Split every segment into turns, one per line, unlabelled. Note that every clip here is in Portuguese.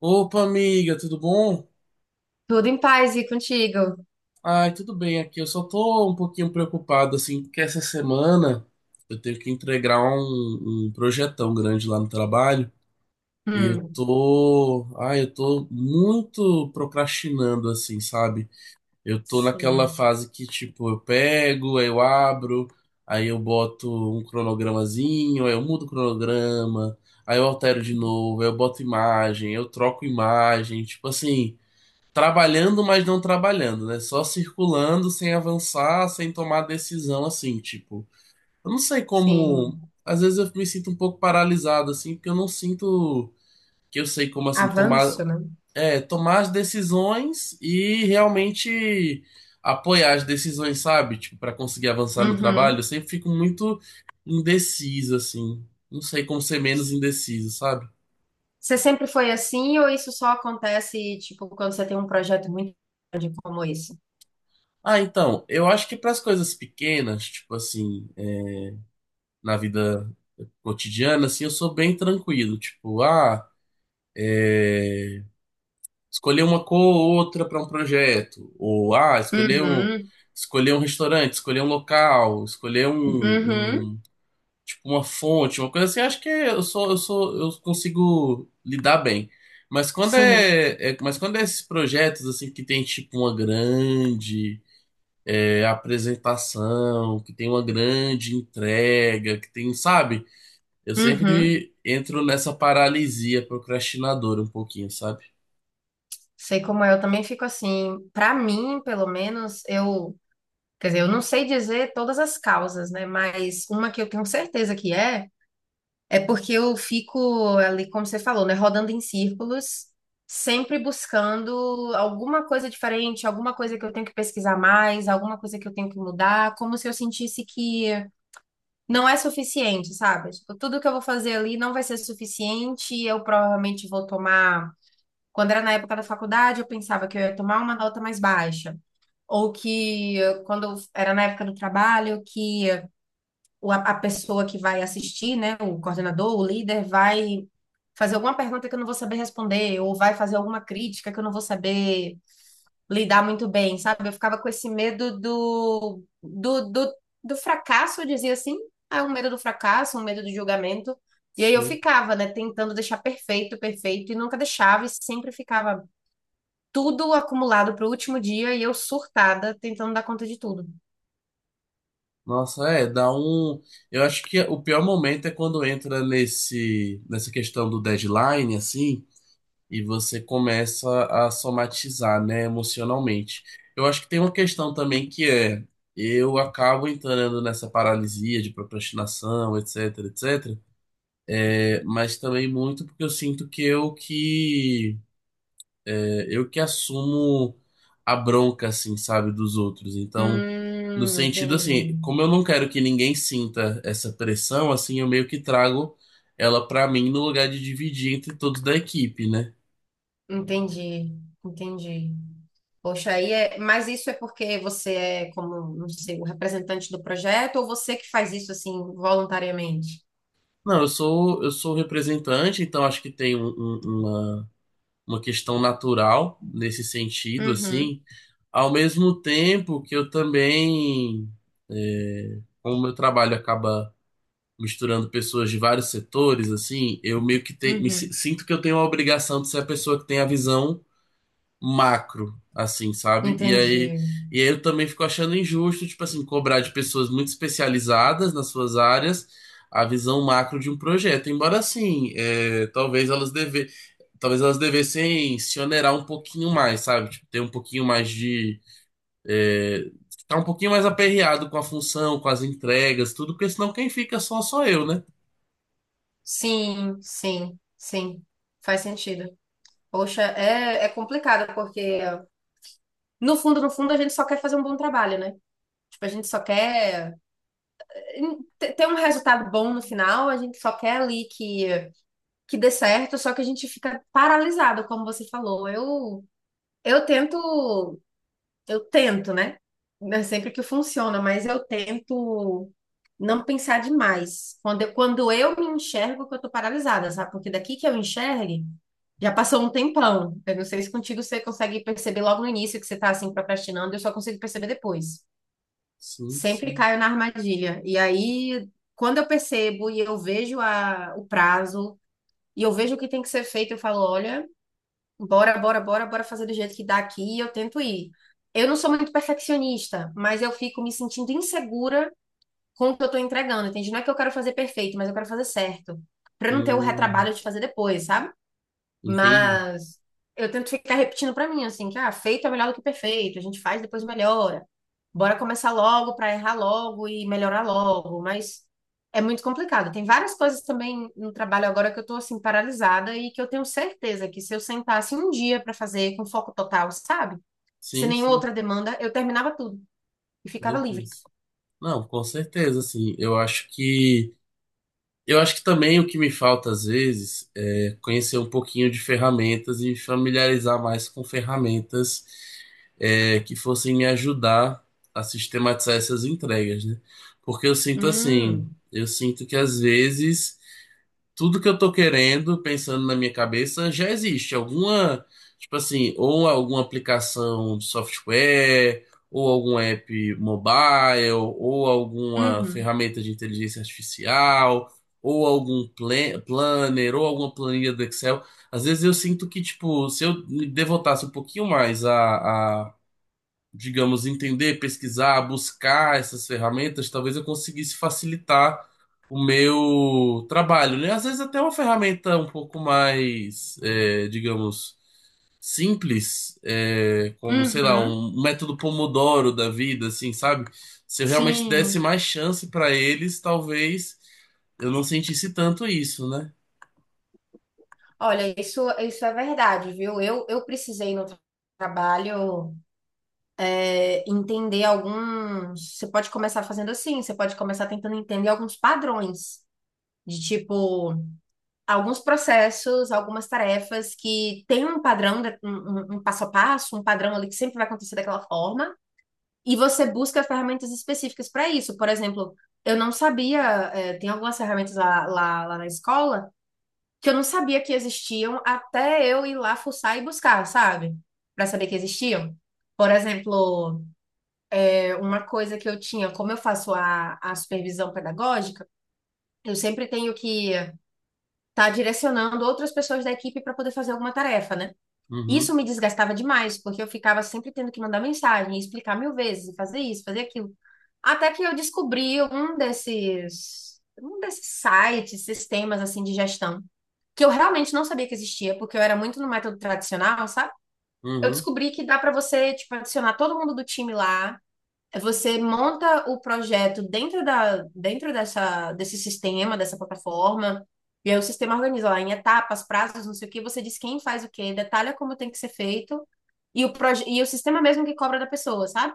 Opa, amiga, tudo bom?
Tudo em paz e contigo.
Ai, tudo bem aqui. Eu só tô um pouquinho preocupado, assim, porque essa semana eu tenho que entregar um projetão grande lá no trabalho e eu
Hum.
tô, ai, eu tô muito procrastinando, assim, sabe? Eu tô naquela
Sim,
fase que, tipo, eu pego, aí eu abro, aí eu boto um cronogramazinho, aí eu mudo o cronograma, aí eu altero de novo, aí eu boto imagem, eu troco imagem, tipo assim. Trabalhando, mas não trabalhando, né? Só circulando, sem avançar, sem tomar decisão, assim, tipo. Eu não sei como.
sim.
Às vezes eu me sinto um pouco paralisado, assim, porque eu não sinto que eu sei como, assim, tomar.
Avanço, né?
É, tomar as decisões e realmente apoiar as decisões, sabe? Tipo, para conseguir avançar no trabalho,
Uhum.
eu sempre fico muito indeciso, assim. Não sei como ser menos
S-
indeciso, sabe?
Você sempre foi assim ou isso só acontece, tipo, quando você tem um projeto muito grande como esse?
Ah, então, eu acho que para as coisas pequenas, tipo assim, na vida cotidiana, assim, eu sou bem tranquilo. Tipo, ah, escolher uma cor ou outra para um projeto. Ou, ah,
Uhum.
escolher um restaurante, escolher um local,
Uhum.
tipo, uma fonte, uma coisa assim. Acho que eu sou, eu consigo lidar bem. Mas
Sim.
mas quando é esses projetos, assim, que tem, tipo, uma grande, é, apresentação, que tem uma grande entrega, que tem, sabe? Eu
Uhum.
sempre entro nessa paralisia procrastinadora um pouquinho, sabe?
Sei como é, eu também fico assim. Pra mim, pelo menos, eu, quer dizer, eu não sei dizer todas as causas, né? Mas uma que eu tenho certeza que é é porque eu fico ali, como você falou, né, rodando em círculos, sempre buscando alguma coisa diferente, alguma coisa que eu tenho que pesquisar mais, alguma coisa que eu tenho que mudar, como se eu sentisse que não é suficiente, sabe? Tipo, tudo que eu vou fazer ali não vai ser suficiente, eu provavelmente vou tomar. Quando era na época da faculdade, eu pensava que eu ia tomar uma nota mais baixa. Ou que, quando eu era na época do trabalho, que a pessoa que vai assistir, né, o coordenador, o líder, vai fazer alguma pergunta que eu não vou saber responder, ou vai fazer alguma crítica que eu não vou saber lidar muito bem, sabe? Eu ficava com esse medo do fracasso, eu dizia assim, ah, é um medo do fracasso, um medo do julgamento. E aí eu
Sim.
ficava, né, tentando deixar perfeito, perfeito, e nunca deixava, e sempre ficava tudo acumulado para o último dia, e eu surtada, tentando dar conta de tudo.
Nossa, é, dá um. Eu acho que o pior momento é quando entra nessa questão do deadline, assim, e você começa a somatizar, né, emocionalmente. Eu acho que tem uma questão também que eu acabo entrando nessa paralisia de procrastinação, etc, etc, mas também muito porque eu sinto que eu eu que assumo a bronca, assim, sabe, dos outros. Então, no sentido
Entendi.
assim, como eu não quero que ninguém sinta essa pressão, assim, eu meio que trago ela pra mim no lugar de dividir entre todos da equipe, né?
Entendi, entendi. Poxa, aí é, mas isso é porque você é como, não sei, o representante do projeto ou você que faz isso assim voluntariamente?
Não, eu sou representante, então acho que tem uma uma questão natural nesse sentido,
Uhum.
assim. Ao mesmo tempo que eu também, é, como meu trabalho acaba misturando pessoas de vários setores, assim, eu meio que me
Uhum.
sinto que eu tenho a obrigação de ser a pessoa que tem a visão macro, assim, sabe?
Entendi.
E aí eu também fico achando injusto, tipo assim, cobrar de pessoas muito especializadas nas suas áreas a visão macro de um projeto. Embora assim, é, talvez elas devessem se onerar um pouquinho mais, sabe? Tipo, ter um pouquinho mais de é, tá um pouquinho mais aperreado com a função, com as entregas, tudo, porque senão quem fica só sou eu, né?
Sim, sim, sim. Faz sentido. Poxa, é, é complicado porque no fundo, no fundo, a gente só quer fazer um bom trabalho, né? Tipo, a gente só quer ter ter um resultado bom no final, a gente só quer ali que dê certo, só que a gente fica paralisado, como você falou. Eu tento, né? Não é sempre que funciona, mas eu tento não pensar demais. Quando eu me enxergo que eu tô paralisada, sabe? Porque daqui que eu enxergue, já passou um tempão. Eu não sei se contigo você consegue perceber logo no início que você tá assim procrastinando, eu só consigo perceber depois.
Sim,
Sempre
sim.
caio na armadilha. E aí, quando eu percebo e eu vejo o prazo, e eu vejo o que tem que ser feito, eu falo, olha, bora, bora, bora, bora fazer do jeito que dá aqui e eu tento ir. Eu não sou muito perfeccionista, mas eu fico me sentindo insegura com o que eu tô entregando, entende? Não é que eu quero fazer perfeito, mas eu quero fazer certo, pra eu não ter o
Hum,
retrabalho de fazer depois, sabe?
entendi.
Mas eu tento ficar repetindo pra mim, assim, que ah, feito é melhor do que perfeito, a gente faz, depois melhora. Bora começar logo pra errar logo e melhorar logo, mas é muito complicado. Tem várias coisas também no trabalho agora que eu tô assim paralisada e que eu tenho certeza que se eu sentasse um dia pra fazer com foco total, sabe? Sem
Sim,
nenhuma
sim.
outra demanda, eu terminava tudo e
Meu
ficava livre.
Deus. Não, com certeza, assim. Eu acho que. Eu acho que também o que me falta às vezes é conhecer um pouquinho de ferramentas e familiarizar mais com ferramentas é, que fossem me ajudar a sistematizar essas entregas, né? Porque eu sinto assim,
Hum.
eu sinto que às vezes tudo que eu tô querendo, pensando na minha cabeça, já existe. Alguma, tipo assim, ou alguma aplicação de software, ou algum app mobile, ou alguma
Uhum.
ferramenta de inteligência artificial, ou algum planner, ou alguma planilha do Excel. Às vezes eu sinto que, tipo, se eu me devotasse um pouquinho mais a digamos, entender, pesquisar, buscar essas ferramentas, talvez eu conseguisse facilitar o meu trabalho, né? Às vezes até uma ferramenta um pouco mais, é, digamos, simples, é, como, sei lá,
Uhum.
um método Pomodoro da vida, assim, sabe? Se eu realmente desse
Sim.
mais chance para eles, talvez eu não sentisse tanto isso, né?
Olha, isso é verdade, viu? Eu precisei no trabalho entender alguns. Você pode começar fazendo assim, você pode começar tentando entender alguns padrões, de tipo, alguns processos, algumas tarefas que tem um padrão, um passo a passo, um padrão ali que sempre vai acontecer daquela forma, e você busca ferramentas específicas para isso. Por exemplo, eu não sabia, é, tem algumas ferramentas lá na escola que eu não sabia que existiam até eu ir lá fuçar e buscar, sabe? Para saber que existiam. Por exemplo, uma coisa que eu tinha, como eu faço a supervisão pedagógica, eu sempre tenho que estar direcionando outras pessoas da equipe para poder fazer alguma tarefa, né? Isso
Uhum,
me desgastava demais, porque eu ficava sempre tendo que mandar mensagem, explicar mil vezes, fazer isso, fazer aquilo. Até que eu descobri um desses sites, sistemas assim de gestão, que eu realmente não sabia que existia, porque eu era muito no método tradicional, sabe? Eu
uhum.
descobri que dá para você, tipo, adicionar todo mundo do time lá, você monta o projeto dentro dentro dessa, desse sistema, dessa plataforma, e aí o sistema organiza lá em etapas, prazos, não sei o quê, você diz quem faz o quê, detalha como tem que ser feito, e e o sistema é mesmo que cobra da pessoa, sabe?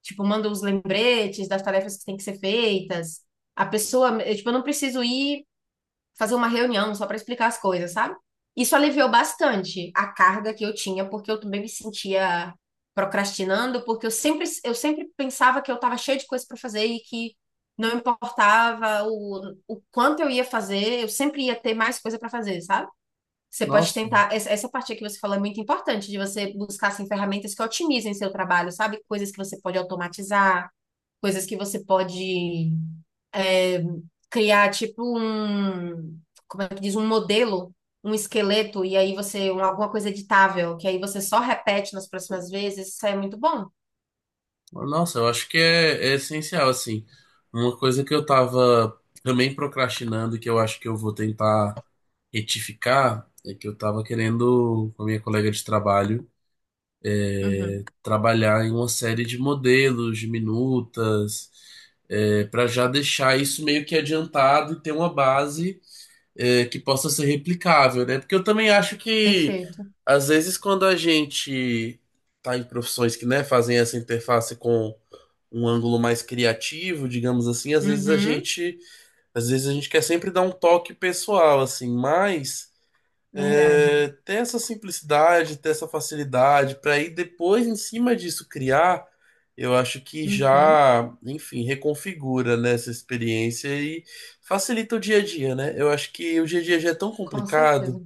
Tipo, manda os lembretes das tarefas que têm que ser feitas. A pessoa, eu, tipo, eu não preciso ir fazer uma reunião só para explicar as coisas, sabe? Isso aliviou bastante a carga que eu tinha, porque eu também me sentia procrastinando, porque eu sempre pensava que eu estava cheia de coisa para fazer e que não importava o quanto eu ia fazer, eu sempre ia ter mais coisa para fazer, sabe? Você pode
Nossa.
tentar. Essa parte que você falou é muito importante, de você buscar assim, ferramentas que otimizem seu trabalho, sabe? Coisas que você pode automatizar, coisas que você pode criar tipo como é que diz, um modelo, um esqueleto, e aí você, um, alguma coisa editável, que aí você só repete nas próximas vezes, isso é muito bom.
Nossa, eu acho que é essencial, assim. Uma coisa que eu tava também procrastinando, que eu acho que eu vou tentar retificar, é que eu tava querendo, com a minha colega de trabalho,
Uhum,
trabalhar em uma série de modelos, de minutas, é, para já deixar isso meio que adiantado e ter uma base é, que possa ser replicável, né? Porque eu também acho que,
perfeito.
às vezes, quando a gente tá em profissões que, né, fazem essa interface com um ângulo mais criativo, digamos assim,
Uhum,
às vezes a gente quer sempre dar um toque pessoal, assim, mas
verdade.
é, ter essa simplicidade, ter essa facilidade, para ir depois, em cima disso, criar, eu acho que
Uhum,
já, enfim, reconfigura, né, essa experiência e facilita o dia a dia, né? Eu acho que o dia a dia já é tão
com certeza.
complicado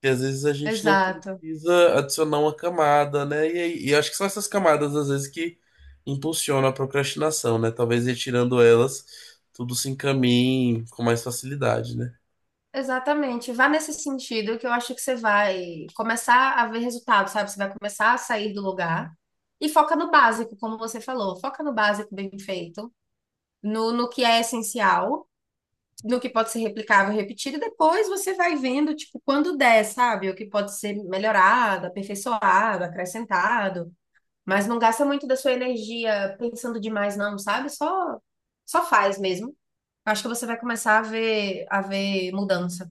que às vezes a gente não
Exato.
precisa adicionar uma camada, né? E, aí- e acho que são essas camadas, às vezes, que impulsionam a procrastinação, né? Talvez retirando elas, tudo se encaminhe com mais facilidade, né?
Exatamente. Vá nesse sentido que eu acho que você vai começar a ver resultado, sabe? Você vai começar a sair do lugar e foca no básico, como você falou. Foca no básico bem feito, no que é essencial no que pode ser replicável, repetido, e depois você vai vendo, tipo, quando der, sabe? O que pode ser melhorado, aperfeiçoado, acrescentado, mas não gasta muito da sua energia pensando demais, não, sabe? Só, só faz mesmo. Acho que você vai começar a ver mudança.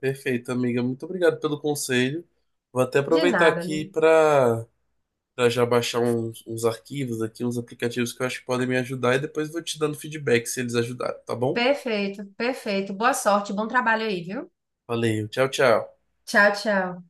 Perfeito, amiga. Muito obrigado pelo conselho. Vou até
De
aproveitar
nada.
aqui para já baixar uns arquivos aqui, uns aplicativos que eu acho que podem me ajudar e depois vou te dando feedback se eles ajudaram, tá bom?
Perfeito, perfeito. Boa sorte, bom trabalho aí, viu?
Valeu, tchau, tchau.
Tchau, tchau.